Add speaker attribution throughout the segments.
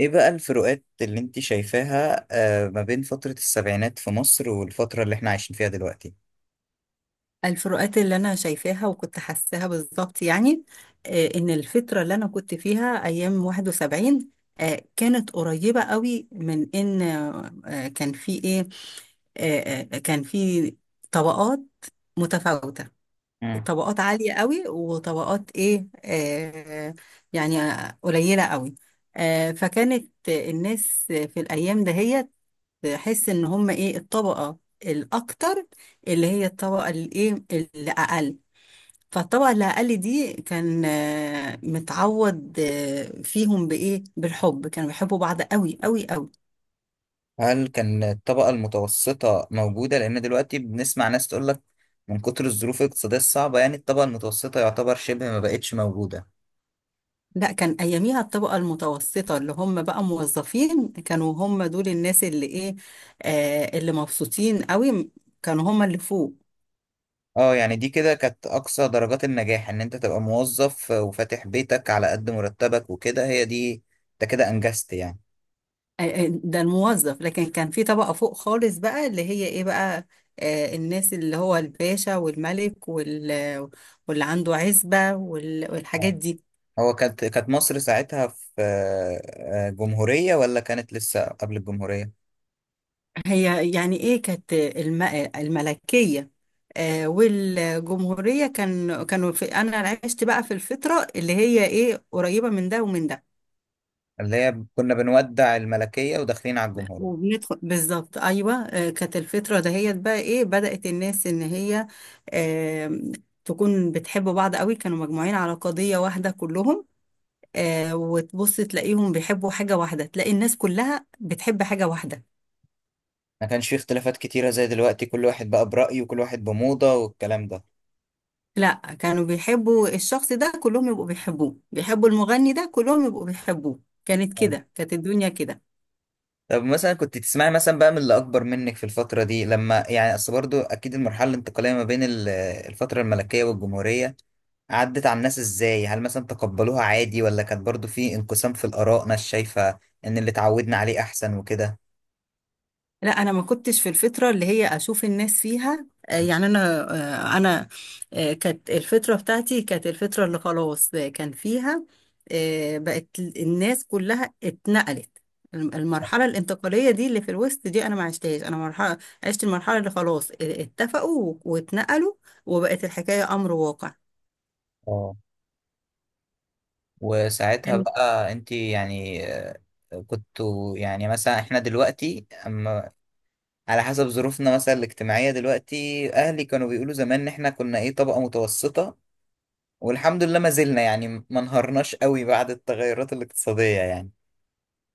Speaker 1: ايه بقى الفروقات اللي انت شايفاها ما بين فترة السبعينات في مصر والفترة اللي احنا عايشين فيها دلوقتي.
Speaker 2: الفروقات اللي انا شايفاها وكنت حاساها بالظبط يعني، ان الفتره اللي انا كنت فيها ايام 71. كانت قريبه قوي من ان كان في ايه. كان في طبقات متفاوته.
Speaker 1: مم.
Speaker 2: طبقات عاليه قوي وطبقات ايه، يعني قليله قوي. فكانت الناس في الايام دهيت تحس ان هم ايه الطبقة الاكتر اللي هي الطبقة الايه الاقل. فالطبقة الاقل دي كان متعود فيهم بايه بالحب، كانوا بيحبوا بعض قوي قوي قوي.
Speaker 1: هل كان الطبقة المتوسطة موجودة لان دلوقتي بنسمع ناس تقول لك من كتر الظروف الاقتصادية الصعبة، يعني الطبقة المتوسطة يعتبر شبه ما بقتش موجودة.
Speaker 2: لا، كان اياميها الطبقة المتوسطة اللي هم بقى موظفين كانوا هم دول الناس اللي ايه، اللي مبسوطين قوي، كانوا هم اللي فوق.
Speaker 1: اه يعني دي كده كانت اقصى درجات النجاح ان انت تبقى موظف وفاتح بيتك على قد مرتبك وكده، هي دي انت كده انجزت يعني.
Speaker 2: ده الموظف، لكن كان في طبقة فوق خالص بقى اللي هي ايه بقى. الناس اللي هو الباشا والملك واللي عنده عزبة والحاجات
Speaker 1: آه.
Speaker 2: دي.
Speaker 1: هو كانت مصر ساعتها في جمهورية ولا كانت لسه قبل الجمهورية؟
Speaker 2: هي يعني ايه، كانت الملكية والجمهورية، كانوا انا عشت بقى في الفترة اللي هي ايه قريبة من ده ومن ده.
Speaker 1: اللي هي كنا بنودع الملكية وداخلين على الجمهورية.
Speaker 2: وبندخل بالظبط، ايوه. كانت الفتره دهيت بقى ايه، بدات الناس ان هي آم، تكون بتحب بعض قوي، كانوا مجموعين على قضيه واحده كلهم. وتبص تلاقيهم بيحبوا حاجه واحده، تلاقي الناس كلها بتحب حاجه واحده.
Speaker 1: ما كانش فيه اختلافات كتيرة زي دلوقتي، كل واحد بقى برأيه وكل واحد بموضة والكلام ده.
Speaker 2: لا، كانوا بيحبوا الشخص ده كلهم يبقوا بيحبوه، بيحبوا المغني ده كلهم يبقوا بيحبوه. كانت
Speaker 1: آه.
Speaker 2: كده، كانت الدنيا كده.
Speaker 1: طب مثلا كنت تسمعي مثلا بقى من اللي أكبر منك في الفترة دي، لما يعني أصل برضو أكيد المرحلة الانتقالية ما بين الفترة الملكية والجمهورية عدت على الناس إزاي؟ هل مثلا تقبلوها عادي ولا كانت برضو في انقسام في الآراء، ناس شايفة إن اللي اتعودنا عليه أحسن وكده؟
Speaker 2: لا، انا ما كنتش في الفتره اللي هي اشوف الناس فيها. يعني انا، آه، انا كانت الفتره بتاعتي، كانت الفتره اللي خلاص كان فيها، بقت الناس كلها اتنقلت. المرحله الانتقاليه دي اللي في الوسط دي انا ما عشتهاش، انا مرحله عشت المرحله اللي خلاص اتفقوا واتنقلوا وبقت الحكايه امر واقع.
Speaker 1: آه. وساعتها
Speaker 2: كان-
Speaker 1: بقى انت يعني كنتوا يعني مثلا، احنا دلوقتي على حسب ظروفنا مثلا الاجتماعية، دلوقتي أهلي كانوا بيقولوا زمان إن إحنا كنا إيه، طبقة متوسطة، والحمد لله ما زلنا يعني ما انهارناش قوي بعد التغيرات الاقتصادية يعني.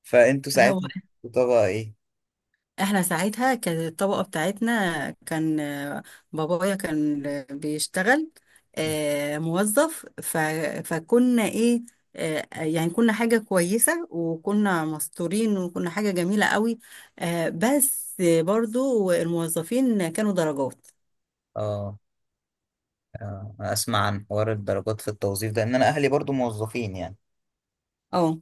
Speaker 1: فأنتوا
Speaker 2: هو
Speaker 1: ساعتها كنتوا طبقة إيه؟
Speaker 2: احنا ساعتها كانت الطبقة بتاعتنا كان، بابايا كان بيشتغل موظف فكنا ايه، يعني كنا حاجة كويسة وكنا مستورين وكنا حاجة جميلة قوي. بس برضو الموظفين كانوا درجات.
Speaker 1: آه، أسمع عن حوار الدرجات في التوظيف ده، إن أنا أهلي برضو موظفين يعني،
Speaker 2: اه،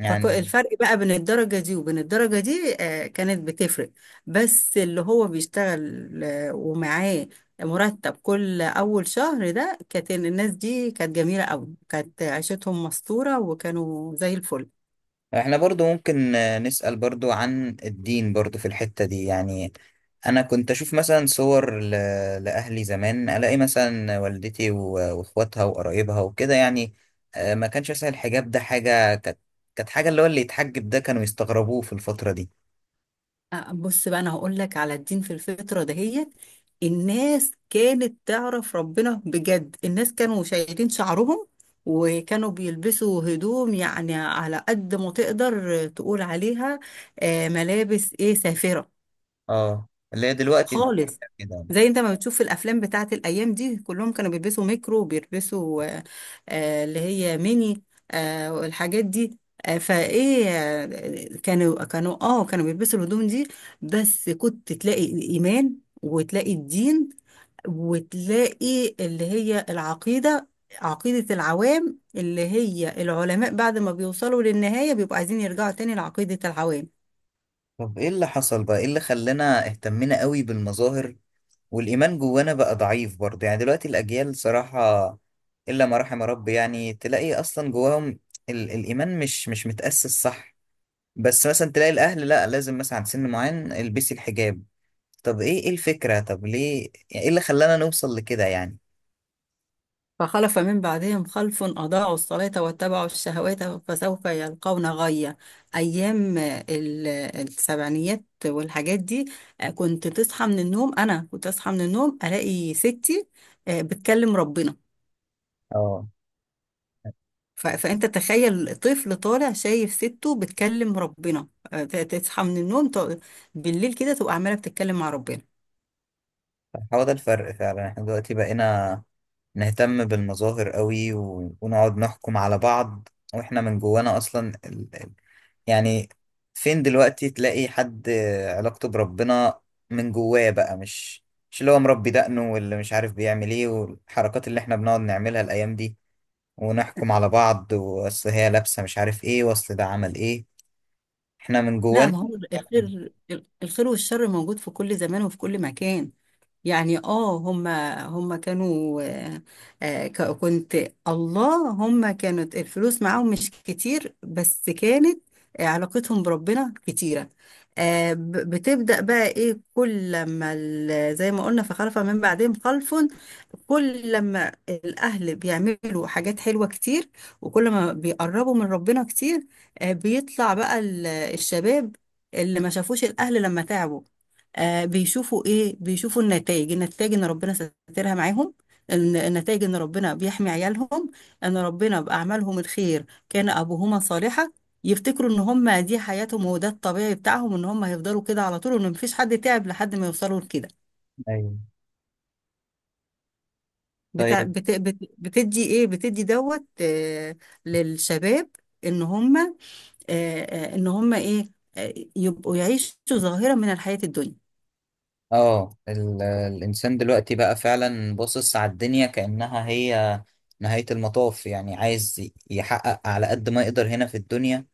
Speaker 1: يعني
Speaker 2: فالفرق بقى بين الدرجة دي وبين الدرجة دي كانت بتفرق. بس اللي هو بيشتغل ومعاه مرتب كل أول شهر، ده كانت الناس دي كانت جميلة أوي، كانت عيشتهم مستورة وكانوا زي الفل.
Speaker 1: احنا برضو ممكن نسأل برضو عن الدين برضو في الحتة دي يعني. انا كنت اشوف مثلا صور لاهلي زمان، الاقي مثلا والدتي واخواتها وقرايبها وكده يعني، ما كانش مثلا الحجاب ده حاجة كانت، كانت حاجة اللي هو اللي يتحجب ده كانوا يستغربوه في الفترة دي.
Speaker 2: بص بقى، انا هقول لك على الدين. في الفتره دهيت الناس كانت تعرف ربنا بجد، الناس كانوا شايلين شعرهم وكانوا بيلبسوا هدوم يعني على قد ما تقدر تقول عليها، ملابس ايه سافره
Speaker 1: اه اللي هي دلوقتي نقول
Speaker 2: خالص.
Speaker 1: كده يعني.
Speaker 2: زي انت ما بتشوف في الافلام بتاعت الايام دي، كلهم كانوا بيلبسوا ميكرو، بيلبسوا اللي هي ميني والحاجات دي. فايه كانوا بيلبسوا الهدوم دي. بس كنت تلاقي الايمان وتلاقي الدين وتلاقي اللي هي العقيده، عقيده العوام. اللي هي العلماء بعد ما بيوصلوا للنهايه بيبقوا عايزين يرجعوا تاني لعقيده العوام.
Speaker 1: طب ايه اللي حصل بقى، ايه اللي خلانا اهتمينا قوي بالمظاهر والإيمان جوانا بقى ضعيف برضه؟ يعني دلوقتي الأجيال صراحة، إلا ما رحم ربي، يعني تلاقي أصلا جواهم الإيمان مش متأسس، صح؟ بس مثلا تلاقي الأهل لا، لازم مثلا عند سن معين البسي الحجاب. طب إيه، الفكرة؟ طب ليه يعني، إيه اللي خلانا نوصل لكده يعني؟
Speaker 2: فخلف من بعدهم خلف أضاعوا الصلاة واتبعوا الشهوات فسوف يلقون غيا. أيام السبعينيات والحاجات دي، كنت تصحى من النوم. أنا كنت أصحى من النوم ألاقي ستي بتكلم ربنا.
Speaker 1: اه،
Speaker 2: فأنت تخيل طفل طالع شايف سته بتكلم ربنا، تصحى من النوم بالليل كده تبقى عمالة بتتكلم مع ربنا.
Speaker 1: هو ده الفرق فعلا. احنا دلوقتي بقينا نهتم بالمظاهر قوي ونقعد نحكم على بعض واحنا من جوانا أصلا، يعني فين دلوقتي تلاقي حد علاقته بربنا من جواه بقى، مش اللي هو مربي دقنه واللي مش عارف بيعمل ايه والحركات اللي احنا بنقعد نعملها الايام دي ونحكم على بعض، واصل هي لابسه مش عارف ايه، واصل ده عمل ايه، احنا من
Speaker 2: لا،
Speaker 1: جوانا.
Speaker 2: ما هو الخير، الخير والشر موجود في كل زمان وفي كل مكان. يعني اه، هما كانوا، آه، آه، ك- كنت الله، هما كانت الفلوس معاهم مش كتير بس كانت علاقتهم بربنا كتيرة. بتبدأ بقى ايه، زي ما قلنا فخلف من بعدهم خلف. كل لما الأهل بيعملوا حاجات حلوة كتير وكل ما بيقربوا من ربنا كتير، بيطلع بقى الشباب اللي ما شافوش الأهل لما تعبوا. بيشوفوا إيه، بيشوفوا النتائج. النتائج إن ربنا سترها معاهم، النتائج إن ربنا بيحمي عيالهم، إن ربنا بأعمالهم الخير كان أبوهما صالحا. يفتكروا إن هم دي حياتهم وده الطبيعي بتاعهم، إن هم هيفضلوا كده على طول وإن مفيش حد تعب لحد ما يوصلوا لكده.
Speaker 1: ايوه.
Speaker 2: بتاع
Speaker 1: طيب.
Speaker 2: بت بت بتدي ايه بتدي دوت، للشباب ان هم، ان هم ايه، يبقوا يعيشوا ظاهرة من الحياة الدنيا.
Speaker 1: اه الانسان دلوقتي بقى فعلا باصص على الدنيا كأنها هي نهاية المطاف، يعني عايز يحقق على قد ما يقدر هنا في الدنيا،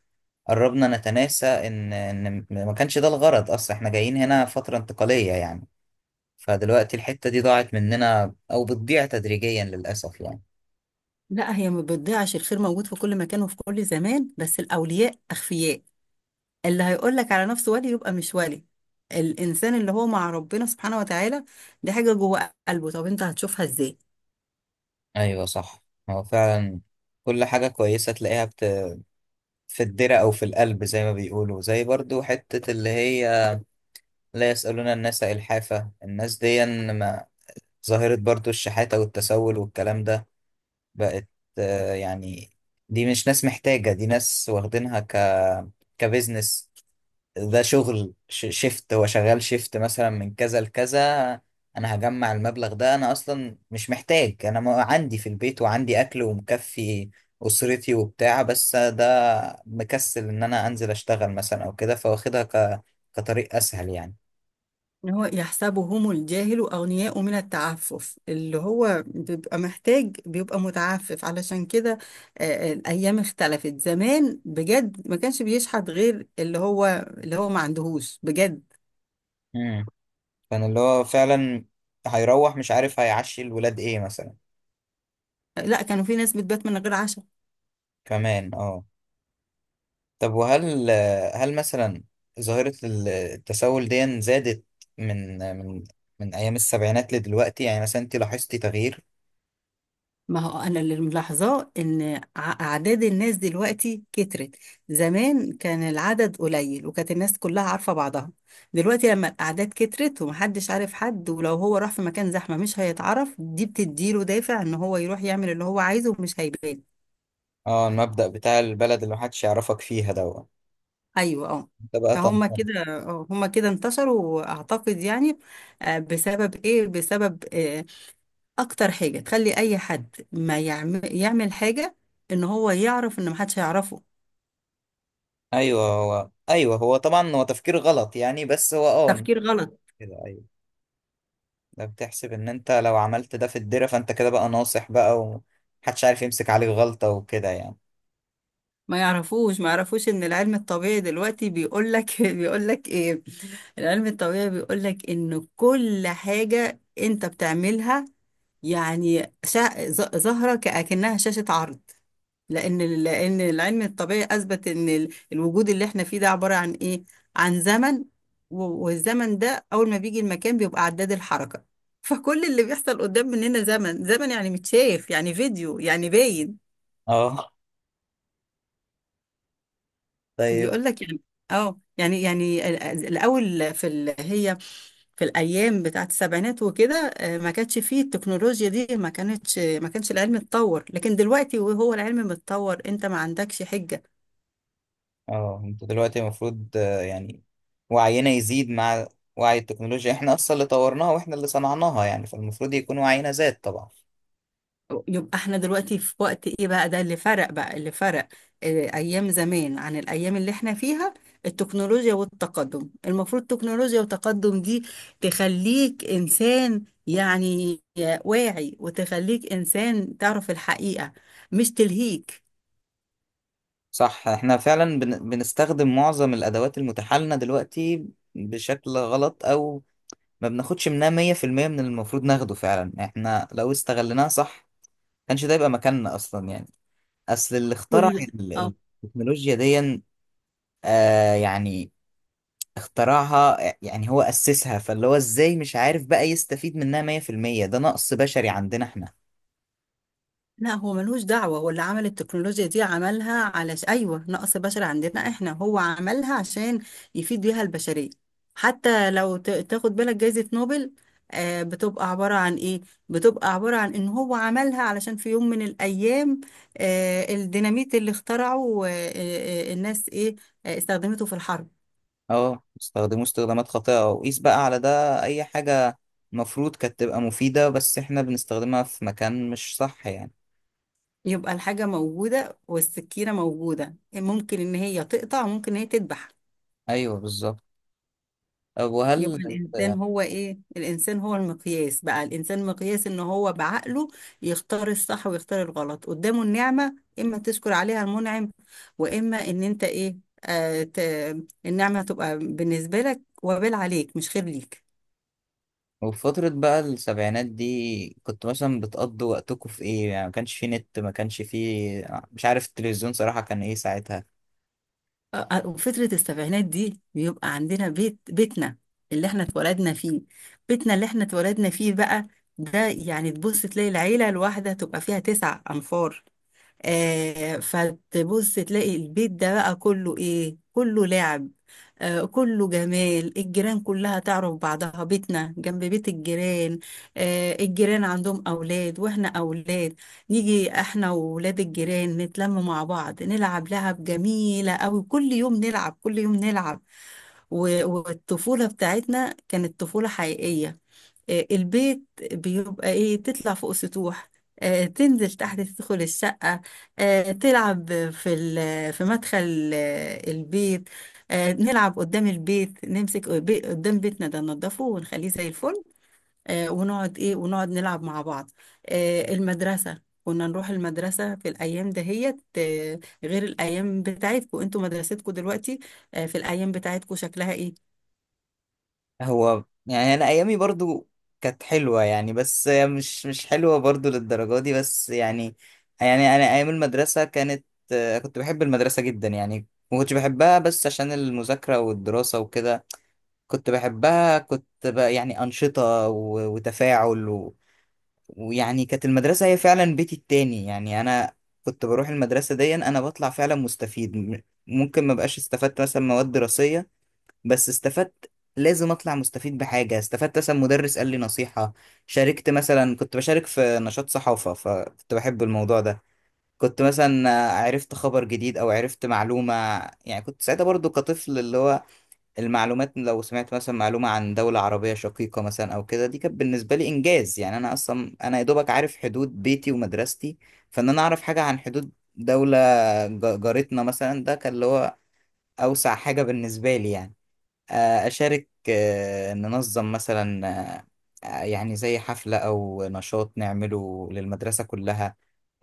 Speaker 1: قربنا نتناسى ان ما كانش ده الغرض اصلا، احنا جايين هنا فترة انتقالية يعني. فدلوقتي الحتة دي ضاعت مننا او بتضيع تدريجيا للاسف يعني.
Speaker 2: لا، هي ما بتضيعش. الخير موجود في كل مكان وفي كل زمان، بس الأولياء أخفياء. اللي هيقول لك على نفسه ولي يبقى مش ولي. الإنسان اللي هو مع ربنا سبحانه وتعالى، دي حاجة جوه قلبه، طب أنت هتشوفها إزاي؟
Speaker 1: ايوه، صح. هو فعلا كل حاجة كويسة تلاقيها في الدرة او في القلب، زي ما بيقولوا، زي برضو حتة اللي هي لا يسألون الناس إلحافة. الناس دي، ما، ظاهرة برضو الشحاتة والتسول والكلام ده بقت يعني دي مش ناس محتاجة، دي ناس واخدينها كبزنس. ده شغل شيفت، هو شغال شيفت مثلا من كذا لكذا، انا هجمع المبلغ ده، انا اصلا مش محتاج، انا ما عندي في البيت وعندي اكل ومكفي اسرتي وبتاع، بس ده مكسل ان انا انزل اشتغل مثلا او كده، فواخدها كطريق اسهل يعني.
Speaker 2: إن هو يحسبهم الجاهل أغنياء من التعفف، اللي هو بيبقى محتاج بيبقى متعفف علشان كده. الأيام اختلفت، زمان بجد ما كانش بيشحت غير اللي هو ما عندهوش بجد.
Speaker 1: امم. كان اللي هو فعلا هيروح مش عارف هيعشي الولاد ايه مثلا.
Speaker 2: لا، كانوا في ناس بتبات من غير عشاء.
Speaker 1: كمان اه. طب وهل، هل مثلا ظاهرة التسول دي زادت من من أيام السبعينات لدلوقتي، يعني مثلا أنت لاحظتي تغيير؟
Speaker 2: ما هو انا اللي ملاحظاه ان اعداد الناس دلوقتي كترت. زمان كان العدد قليل وكانت الناس كلها عارفة بعضها. دلوقتي لما الاعداد كترت ومحدش عارف حد، ولو هو راح في مكان زحمة مش هيتعرف، دي بتديله دافع ان هو يروح يعمل اللي هو عايزه ومش هيبان.
Speaker 1: اه، المبدأ بتاع البلد اللي محدش يعرفك فيها دوت
Speaker 2: ايوه، اه.
Speaker 1: أنت بقى
Speaker 2: فهم
Speaker 1: تنطلق.
Speaker 2: كده، هم كده انتشروا اعتقد، يعني بسبب ايه، بسبب اكتر حاجة تخلي اي حد ما يعمل يعمل حاجة، ان هو يعرف ان محدش هيعرفه.
Speaker 1: أيوه، هو طبعا هو تفكير غلط يعني، بس هو اه
Speaker 2: تفكير غلط.
Speaker 1: كده، أيوه. ده بتحسب إن أنت لو عملت ده في الدرة فأنت كده بقى ناصح بقى، ومحدش عارف يمسك عليك غلطة وكده يعني.
Speaker 2: ما يعرفوش ما يعرفوش ان العلم الطبيعي دلوقتي بيقول لك بيقول لك ايه، العلم الطبيعي بيقول لك ان كل حاجة انت بتعملها، يعني ظاهرة كأكنها شاشة عرض. لان العلم الطبيعي اثبت ان الوجود اللي احنا فيه ده عبارة عن ايه، عن زمن. والزمن ده اول ما بيجي المكان بيبقى عداد الحركة. فكل اللي بيحصل قدام مننا زمن، زمن يعني متشاف يعني فيديو يعني باين.
Speaker 1: اه. طيب.
Speaker 2: بيقول لك يعني، اه يعني هي في الايام بتاعت السبعينات وكده، ما كانش فيه التكنولوجيا دي، ما كانش العلم اتطور. لكن دلوقتي وهو العلم متطور انت ما عندكش حجة.
Speaker 1: اه انت دلوقتي المفروض يعني وعينا يزيد مع وعي التكنولوجيا، احنا اصلا اللي طورناها واحنا اللي صنعناها يعني، فالمفروض يكون وعينا زاد طبعا.
Speaker 2: يبقى احنا دلوقتي في وقت ايه بقى، ده اللي فرق بقى، اللي فرق اه، ايام زمان عن الايام اللي احنا فيها. التكنولوجيا والتقدم، المفروض التكنولوجيا والتقدم دي تخليك انسان، يعني واعي، وتخليك انسان تعرف الحقيقة، مش تلهيك.
Speaker 1: صح، احنا فعلا بنستخدم معظم الادوات المتاحة لنا دلوقتي بشكل غلط، او ما بناخدش منها 100% من اللي المفروض ناخده، فعلا احنا لو استغلناها صح كانش ده يبقى مكاننا اصلا يعني. اصل اللي اخترع
Speaker 2: كل اه
Speaker 1: التكنولوجيا دي يعني اخترعها يعني، هو أسسها، فاللي هو ازاي مش عارف بقى يستفيد منها 100%؟ ده نقص بشري عندنا احنا.
Speaker 2: لا، هو ملوش دعوة. هو اللي عمل التكنولوجيا دي عملها على أيوة، نقص بشر عندنا احنا. هو عملها عشان يفيد بيها البشرية. حتى لو تاخد بالك جايزة نوبل، بتبقى عبارة عن ايه، بتبقى عبارة عن ان هو عملها علشان في يوم من الأيام الديناميت اللي اخترعه، الناس ايه، استخدمته في الحرب.
Speaker 1: اه استخدموا استخدامات خاطئة، وقيس بقى على ده أي حاجة، المفروض كانت تبقى مفيدة بس احنا بنستخدمها في مكان مش صح يعني.
Speaker 2: يبقى الحاجة موجودة والسكينة موجودة، ممكن ان هي تقطع وممكن ان هي تذبح.
Speaker 1: أيوه بالظبط. طب
Speaker 2: يبقى
Speaker 1: وهل،
Speaker 2: الإنسان هو إيه؟ الإنسان هو المقياس بقى. الإنسان مقياس إن هو بعقله يختار الصح ويختار الغلط. قدامه النعمة إما تشكر عليها المنعم، وإما إن أنت إيه؟ آه ت... النعمة تبقى بالنسبة لك وبال عليك مش خير ليك.
Speaker 1: وفي فترة بقى السبعينات دي كنت مثلا بتقضوا وقتكم في ايه يعني؟ ما كانش في نت، ما كانش في، مش عارف، التلفزيون صراحة كان ايه ساعتها؟
Speaker 2: وفترة السبعينات دي بيبقى عندنا بيت، بيتنا اللي احنا اتولدنا فيه. بيتنا اللي احنا اتولدنا فيه بقى ده، يعني تبص تلاقي العيلة الواحدة تبقى فيها تسع أنفار. فتبص تلاقي البيت ده بقى كله ايه، كله لعب، كله جمال. الجيران كلها تعرف بعضها، بيتنا جنب بيت الجيران. الجيران عندهم اولاد واحنا اولاد، نيجي احنا وولاد الجيران نتلم مع بعض، نلعب لعب جميلة قوي، كل يوم نلعب كل يوم نلعب. والطفولة بتاعتنا كانت طفولة حقيقية. البيت بيبقى ايه، تطلع فوق سطوح، تنزل تحت تدخل الشقة، تلعب في مدخل البيت، نلعب قدام البيت، قدام بيتنا ده ننضفه ونخليه زي الفل، ونقعد ايه، ونقعد نلعب مع بعض. المدرسة، كنا نروح المدرسة في الأيام دهيت غير الأيام بتاعتكم انتوا، مدرستكم دلوقتي في الأيام بتاعتكم شكلها ايه؟
Speaker 1: هو يعني انا ايامي برضو كانت حلوه يعني، بس مش حلوه برضو للدرجه دي، بس يعني، يعني انا ايام المدرسه كانت كنت بحب المدرسه جدا يعني، ما كنتش بحبها بس عشان المذاكره والدراسه وكده، كنت بحبها كنت بقى يعني انشطه وتفاعل ويعني كانت المدرسه هي فعلا بيتي التاني يعني. انا كنت بروح المدرسه دي انا بطلع فعلا مستفيد ممكن ما بقاش استفدت مثلا مواد دراسيه، بس استفدت، لازم اطلع مستفيد بحاجه، استفدت مثلا مدرس قال لي نصيحه، شاركت مثلا، كنت بشارك في نشاط صحافه فكنت بحب الموضوع ده، كنت مثلا عرفت خبر جديد او عرفت معلومه، يعني كنت ساعتها برضو كطفل، اللي هو المعلومات لو سمعت مثلا معلومه عن دوله عربيه شقيقه مثلا او كده دي كانت بالنسبه لي انجاز يعني. انا اصلا انا يا دوبك عارف حدود بيتي ومدرستي، فان انا اعرف حاجه عن حدود دولة جارتنا مثلا، ده كان اللي هو أوسع حاجة بالنسبة لي يعني. أشارك، ننظم مثلا، آه، يعني زي حفلة أو نشاط نعمله للمدرسة كلها،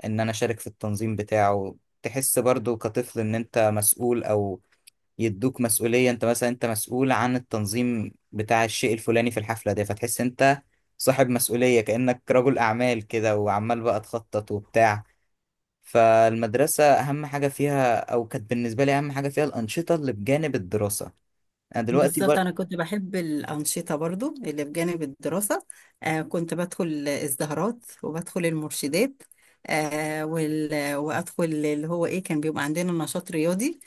Speaker 1: إن أنا أشارك في التنظيم بتاعه، تحس برضو كطفل إن أنت مسؤول، أو يدوك مسؤولية، أنت مثلا أنت مسؤول عن التنظيم بتاع الشيء الفلاني في الحفلة دي، فتحس أنت صاحب مسؤولية، كأنك رجل أعمال كده وعمال بقى تخطط وبتاع. فالمدرسة أهم حاجة فيها، أو كانت بالنسبة لي أهم حاجة فيها، الأنشطة اللي بجانب الدراسة. أنا دلوقتي
Speaker 2: بالظبط،
Speaker 1: بقى،
Speaker 2: أنا كنت بحب الأنشطة برضو اللي بجانب الدراسة. كنت بدخل الزهرات وبدخل المرشدات وأدخل اللي هو إيه، كان بيبقى عندنا نشاط رياضي.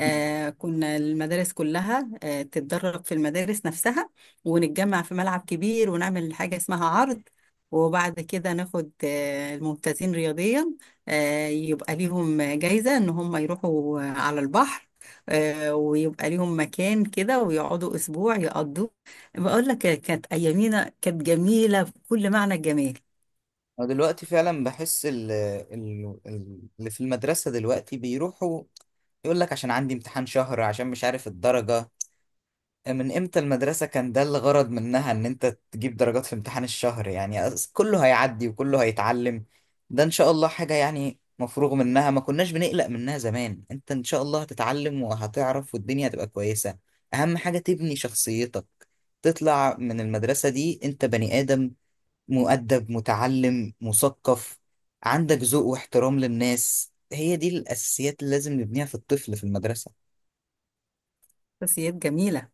Speaker 2: كنا المدارس كلها تتدرب في المدارس نفسها، ونتجمع في ملعب كبير، ونعمل حاجة اسمها عرض. وبعد كده ناخد الممتازين رياضيا، يبقى ليهم جايزة إن هم يروحوا على البحر، ويبقى ليهم مكان كده ويقعدوا اسبوع يقضوه. بقول لك، كانت ايامينا كانت جميله بكل معنى الجمال.
Speaker 1: أنا دلوقتي فعلا بحس اللي في المدرسة دلوقتي بيروحوا يقول لك عشان عندي امتحان شهر، عشان مش عارف الدرجة، من امتى المدرسة كان ده الغرض منها ان انت تجيب درجات في امتحان الشهر يعني؟ كله هيعدي وكله هيتعلم، ده ان شاء الله حاجة يعني مفروغ منها، ما كناش بنقلق منها زمان، انت ان شاء الله هتتعلم وهتعرف والدنيا هتبقى كويسة. اهم حاجة تبني شخصيتك، تطلع من المدرسة دي انت بني آدم مؤدب متعلم مثقف، عندك ذوق واحترام للناس، هي دي الأساسيات اللي لازم نبنيها في الطفل في المدرسة.
Speaker 2: شخصيات جميله.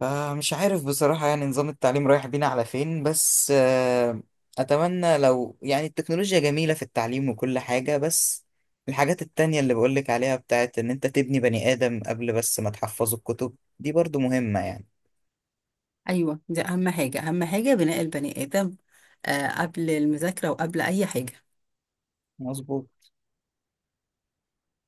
Speaker 1: فمش عارف بصراحة يعني نظام التعليم رايح بينا على فين، بس أتمنى لو يعني التكنولوجيا جميلة في التعليم وكل حاجة، بس الحاجات التانية اللي بقولك عليها بتاعت إن أنت تبني بني آدم قبل بس ما تحفظه الكتب دي برضو مهمة يعني.
Speaker 2: ايوه، دي اهم حاجه، بناء البني ادم قبل المذاكره وقبل اي حاجه.
Speaker 1: مظبوط.